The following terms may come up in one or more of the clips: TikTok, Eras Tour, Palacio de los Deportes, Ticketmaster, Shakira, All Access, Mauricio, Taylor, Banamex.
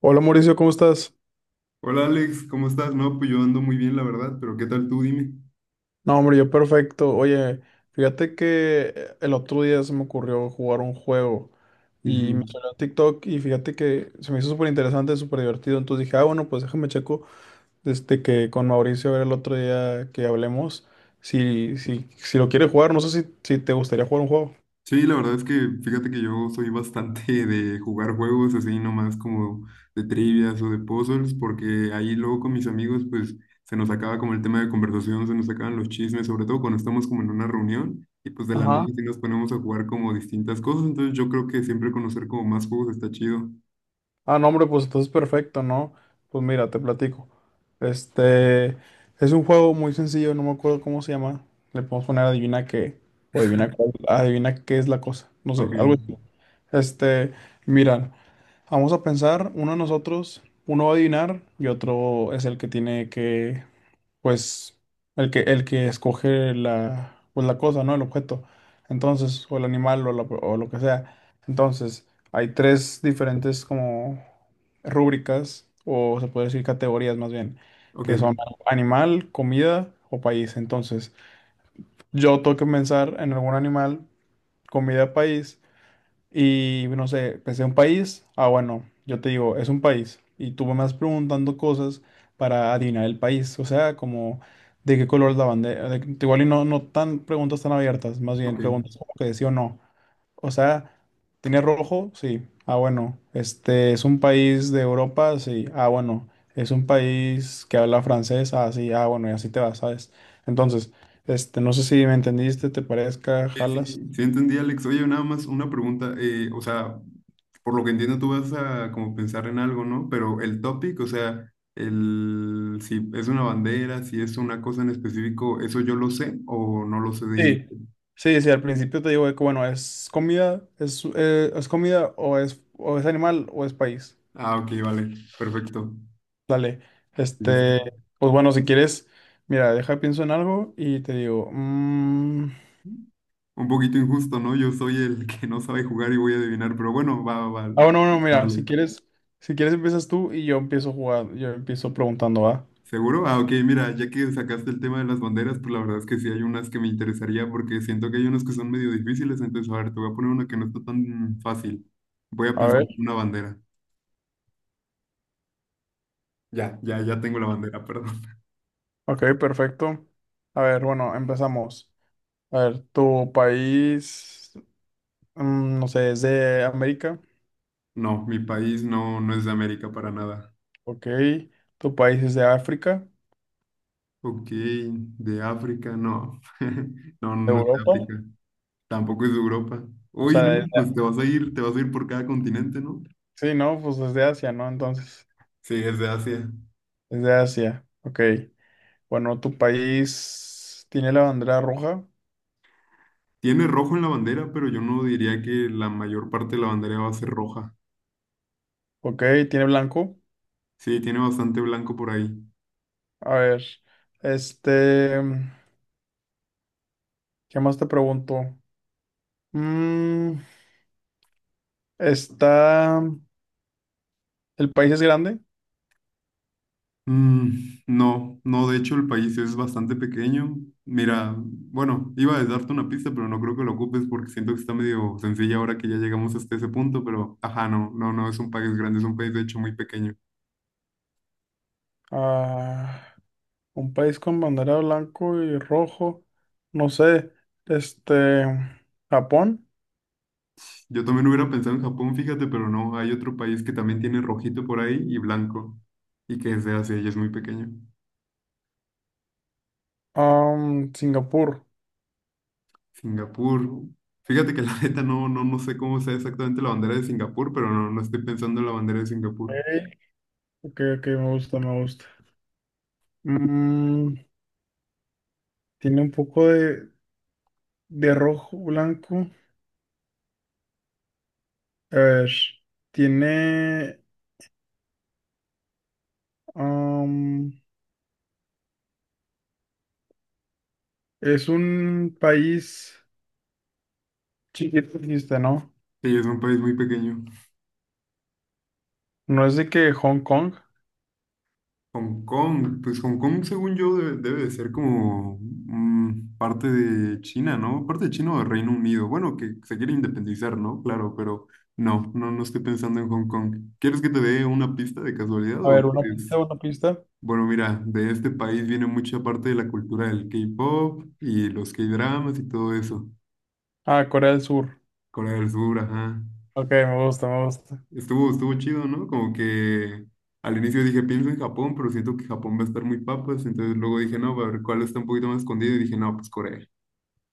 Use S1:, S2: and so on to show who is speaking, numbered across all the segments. S1: Hola Mauricio, ¿cómo estás?
S2: Hola Alex, ¿cómo estás? No, pues yo ando muy bien, la verdad, pero ¿qué tal tú? Dime.
S1: No, hombre, yo perfecto. Oye, fíjate que el otro día se me ocurrió jugar un juego y me
S2: Ujú.
S1: salió en TikTok y fíjate que se me hizo súper interesante, súper divertido. Entonces dije, ah, bueno, pues déjame checo desde que con Mauricio a ver el otro día que hablemos si lo quiere jugar. No sé si te gustaría jugar un juego.
S2: Sí, la verdad es que fíjate que yo soy bastante de jugar juegos así nomás como de trivias o de puzzles, porque ahí luego con mis amigos pues se nos acaba como el tema de conversación, se nos acaban los chismes, sobre todo cuando estamos como en una reunión y pues de la nada
S1: Ajá.
S2: sí nos ponemos a jugar como distintas cosas, entonces yo creo que siempre conocer como más juegos está chido.
S1: Ah, no, hombre, pues entonces perfecto, ¿no? Pues mira, te platico. Este es un juego muy sencillo, no me acuerdo cómo se llama. Le podemos poner adivina qué, o adivina cuál, adivina qué es la cosa, no sé,
S2: Ok,
S1: algo así. Este, mira, vamos a pensar, uno de nosotros, uno va a adivinar y otro es el que tiene que pues el que escoge la, pues la cosa, ¿no? El objeto. Entonces, o el animal o, o lo que sea. Entonces, hay tres diferentes como rúbricas, o se puede decir categorías más bien, que son
S2: ok,
S1: animal, comida o país. Entonces, yo tengo que pensar en algún animal, comida, país. Y no sé, pensé un país. Ah, bueno, yo te digo, es un país. Y tú me vas preguntando cosas para adivinar el país. O sea, como de qué color es la bandera. Igual y no, no tan preguntas tan abiertas, más bien
S2: ok.
S1: preguntas como que de sí o no. O sea, ¿tiene rojo? Sí. Ah, bueno. Este es un país de Europa, sí. Ah, bueno. Es un país que habla francés. Ah, sí. Ah, bueno, y así te vas, ¿sabes? Entonces, este, no sé si me entendiste, te parezca,
S2: Sí, sí,
S1: jalas.
S2: sí entendí, Alex. Oye, nada más una pregunta. O sea, por lo que entiendo, tú vas a como pensar en algo, ¿no? Pero el topic, o sea, el, si es una bandera, si es una cosa en específico, ¿eso yo lo sé o no lo sé de
S1: Sí,
S2: inicio?
S1: sí, sí, al principio te digo de que, bueno, es comida o es animal o es país.
S2: Ah, ok, vale, perfecto.
S1: Dale,
S2: Sí, sí,
S1: este,
S2: sí.
S1: pues bueno, si quieres, mira, deja, pienso en algo y te digo, mm,
S2: Un poquito injusto, ¿no? Yo soy el que no sabe jugar y voy a adivinar, pero bueno, va, va, va.
S1: ah, bueno, no, mira, si
S2: Darle.
S1: quieres, si quieres empiezas tú y yo empiezo jugando, yo empiezo preguntando, ¿va?
S2: ¿Seguro? Ah, ok, mira, ya que sacaste el tema de las banderas, pues la verdad es que sí hay unas que me interesaría porque siento que hay unas que son medio difíciles, entonces a ver, te voy a poner una que no está tan fácil. Voy a
S1: A
S2: pensar
S1: ver,
S2: en una bandera. Ya, ya, ya tengo la bandera, perdón.
S1: ok, perfecto. A ver, bueno, empezamos. A ver, tu país, mm, no sé, es de América,
S2: No, mi país no, no es de América para nada.
S1: ok, tu país es de África.
S2: Ok, de África, no. No, no
S1: ¿De
S2: no es de
S1: Europa?
S2: África. Tampoco es de Europa.
S1: O
S2: Uy,
S1: sea,
S2: ¿no?
S1: desde-
S2: Pues te vas a ir, te vas a ir por cada continente, ¿no?
S1: sí, ¿no? Pues desde Asia, ¿no? Entonces,
S2: Sí, es de Asia.
S1: desde Asia. Ok. Bueno, ¿tu país tiene la bandera roja?
S2: Tiene rojo en la bandera, pero yo no diría que la mayor parte de la bandera va a ser roja.
S1: Ok, ¿tiene blanco?
S2: Sí, tiene bastante blanco por ahí.
S1: A ver, este, ¿qué más te pregunto? Mm, está, ¿el país es grande?
S2: Mm, no, no, de hecho el país es bastante pequeño. Mira, bueno, iba a darte una pista, pero no creo que lo ocupes porque siento que está medio sencilla ahora que ya llegamos hasta ese punto, pero ajá, no, no, no es un país grande, es un país de hecho muy pequeño.
S1: Ah, un país con bandera blanco y rojo, no sé, este, Japón,
S2: Yo también hubiera pensado en Japón, fíjate, pero no, hay otro país que también tiene rojito por ahí y blanco y que es de Asia y es muy pequeño.
S1: ah, mm, Singapur.
S2: Singapur. Fíjate que la neta no, no, no sé cómo sea exactamente la bandera de Singapur, pero no, no estoy pensando en la bandera de Singapur.
S1: Ok, ok, ok, me gusta, me gusta. Mm, tiene un poco de rojo, blanco. A ver, tiene... Am, es un país chiquito, dijiste, ¿no?
S2: Sí, es un país muy pequeño.
S1: No es de que Hong Kong.
S2: Hong Kong, pues Hong Kong, según yo, debe de ser como parte de China, ¿no? Parte de China o de Reino Unido. Bueno, que se quiere independizar, ¿no? Claro, pero no, no, no estoy pensando en Hong Kong. ¿Quieres que te dé una pista de casualidad
S1: A
S2: o
S1: ver, una pista,
S2: quieres?
S1: una pista.
S2: Bueno, mira, de este país viene mucha parte de la cultura del K-pop y los K-dramas y todo eso.
S1: Ah, Corea del Sur.
S2: Corea del Sur, ajá.
S1: Ok, me gusta, me gusta.
S2: Estuvo, estuvo chido, ¿no? Como que al inicio dije, pienso en Japón, pero siento que Japón va a estar muy papas. Entonces luego dije, no, a ver cuál está un poquito más escondido. Y dije, no, pues Corea.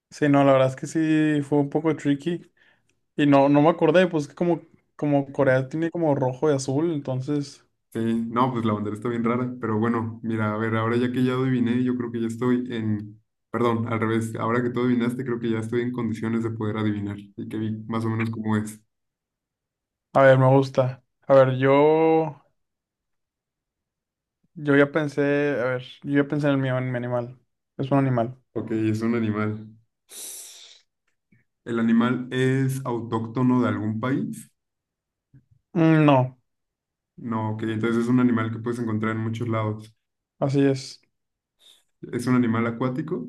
S1: Sí, no, la verdad es que sí fue un poco tricky. Y no, no me acordé, pues que como, como Corea tiene como rojo y azul, entonces...
S2: Sí, no, pues la bandera está bien rara. Pero bueno, mira, a ver, ahora ya que ya adiviné, yo creo que ya estoy en... Perdón, al revés. Ahora que tú adivinaste, creo que ya estoy en condiciones de poder adivinar. Y que vi más o menos cómo es.
S1: A ver, me gusta. A ver, yo... a ver, yo ya pensé en el mío, en mi animal. Es un animal.
S2: Ok, es un animal. ¿El animal es autóctono de algún país?
S1: Mm, no,
S2: No, ok, entonces es un animal que puedes encontrar en muchos lados.
S1: así es.
S2: Es un animal acuático,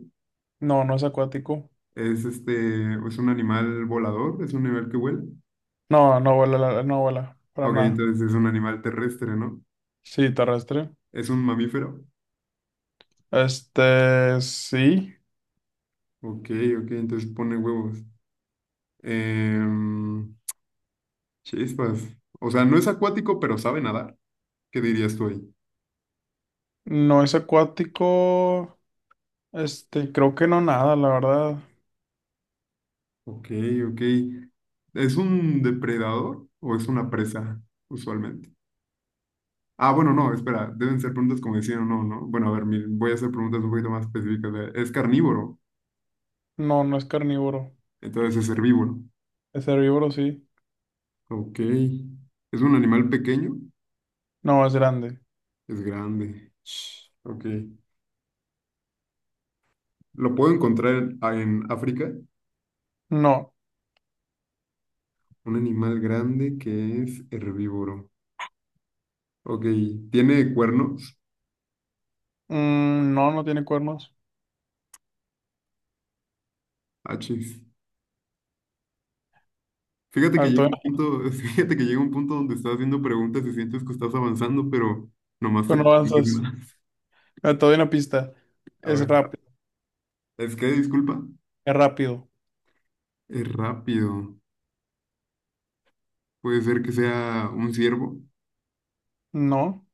S1: No, no es acuático.
S2: es este, es un animal volador, es un animal que vuela.
S1: No, no vuela, no vuela, para
S2: Ok,
S1: nada.
S2: entonces es un animal terrestre, ¿no?
S1: Sí, terrestre.
S2: Es un mamífero.
S1: Este, sí,
S2: Ok, ok, entonces pone huevos. Em, Chispas. O sea, no es acuático, pero sabe nadar. ¿Qué dirías tú ahí?
S1: no es acuático. Este, creo que no nada, la verdad.
S2: Ok, ok. ¿Es un depredador o es una presa, usualmente? Ah, bueno, no, espera, deben ser preguntas como decían o no, ¿no? Bueno, a ver, voy a hacer preguntas un poquito más específicas. Es carnívoro,
S1: No, no es carnívoro.
S2: entonces es herbívoro.
S1: Es herbívoro, sí.
S2: Ok. ¿Es un animal pequeño?
S1: No, es grande.
S2: Es grande. Sh, ok. ¿Lo puedo encontrar en, ah, en África?
S1: No,
S2: Un animal grande que es herbívoro. Ok. ¿Tiene cuernos?
S1: mm, no, no tiene cuernos.
S2: Achis.
S1: A
S2: Fíjate que
S1: ver,
S2: llega un
S1: todavía,
S2: punto, fíjate que llega un punto donde estás haciendo preguntas y sientes que estás avanzando, pero nomás te
S1: pero no
S2: confundes
S1: avanzas.
S2: más.
S1: A ver, todavía una pista.
S2: A
S1: Es
S2: ver.
S1: rápido,
S2: ¿Es que, disculpa?
S1: es rápido.
S2: Es rápido. Puede ser que sea un ciervo.
S1: No,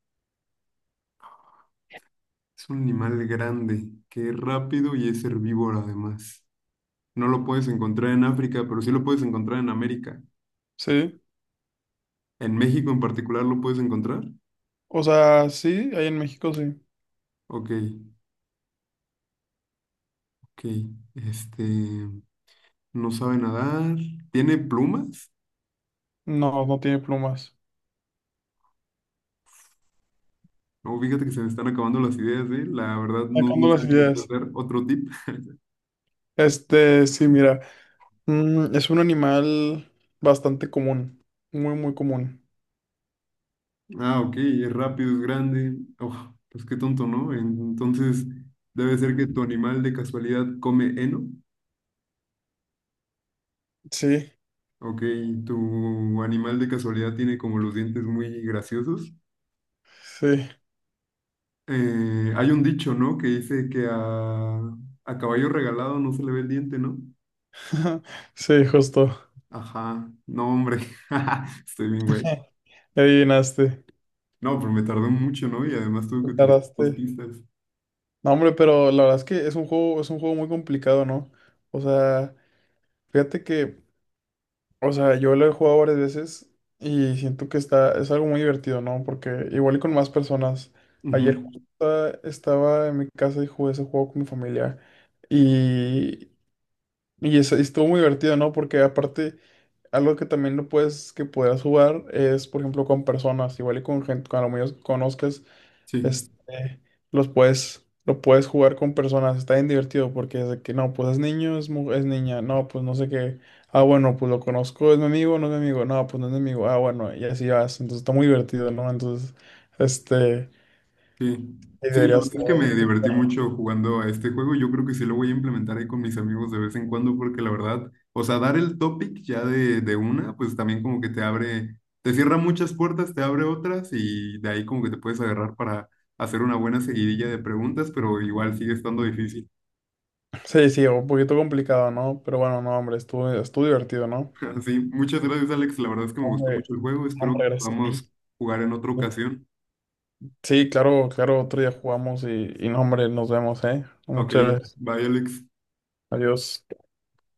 S2: Es un animal grande, que es rápido y es herbívoro además. No lo puedes encontrar en África, pero sí lo puedes encontrar en América.
S1: sí.
S2: En México en particular lo puedes encontrar.
S1: O sea, sí, ahí en México sí.
S2: Ok, ok. Este, no sabe nadar. ¿Tiene plumas?
S1: No, no tiene plumas.
S2: No, fíjate que se me están acabando las ideas, ¿eh? La verdad no,
S1: Sacando
S2: no sé
S1: las
S2: qué puede
S1: ideas.
S2: ser. Otro tip.
S1: Este, sí, mira. Mm, es un animal bastante común. Muy, muy común.
S2: Ah, ok, es rápido, es grande. Oh, pues qué tonto, ¿no? Entonces, debe ser que tu animal de casualidad come heno.
S1: Sí,
S2: Ok, tu animal de casualidad tiene como los dientes muy graciosos.
S1: sí.
S2: Hay un dicho, ¿no? Que dice que a caballo regalado no se le ve el diente, ¿no?
S1: Sí, justo.
S2: Ajá, no, hombre, estoy bien, güey.
S1: Le adivinaste.
S2: No, pero me tardé mucho, ¿no? Y además tuve que
S1: Le
S2: utilizar
S1: tardaste.
S2: 2 pistas.
S1: No, hombre, pero la verdad es que es un juego muy complicado, ¿no? O sea, fíjate que O sea, yo lo he jugado varias veces y siento que está, es algo muy divertido, ¿no? Porque igual y con más personas.
S2: Ujú,
S1: Ayer justo estaba en mi casa y jugué ese juego con mi familia. y y estuvo muy divertido, ¿no? Porque aparte, algo que también no puedes, que puedas jugar es, por ejemplo, con personas, igual y con gente, con lo que conozcas,
S2: sí.
S1: este, lo puedes jugar con personas, está bien divertido porque es de que, no, pues es niño, es, es niña, no, pues no sé qué, ah, bueno, pues lo conozco, es mi amigo, no es mi amigo, no, pues no es mi amigo, ah, bueno, y así vas, entonces está muy divertido, ¿no? Entonces, este,
S2: Sí,
S1: y
S2: sí, la
S1: deberías...
S2: verdad es que me divertí mucho jugando a este juego. Yo creo que sí lo voy a implementar ahí con mis amigos de vez en cuando, porque la verdad, o sea, dar el topic ya de una, pues también como que te abre, te cierra muchas puertas, te abre otras y de ahí como que te puedes agarrar para hacer una buena seguidilla de preguntas, pero igual sigue estando difícil.
S1: Sí, sí, un poquito complicado, ¿no? Pero bueno, no, hombre, estuvo divertido, ¿no?
S2: Así, muchas gracias, Alex. La verdad es que me
S1: No,
S2: gustó
S1: hombre,
S2: mucho el juego.
S1: no,
S2: Espero que
S1: hombre, gracias a
S2: podamos
S1: ti.
S2: jugar en otra ocasión.
S1: Sí, claro, claro, otro día jugamos y no, hombre, nos vemos, ¿eh?
S2: Ok,
S1: Muchas gracias.
S2: bye, Alex.
S1: Adiós.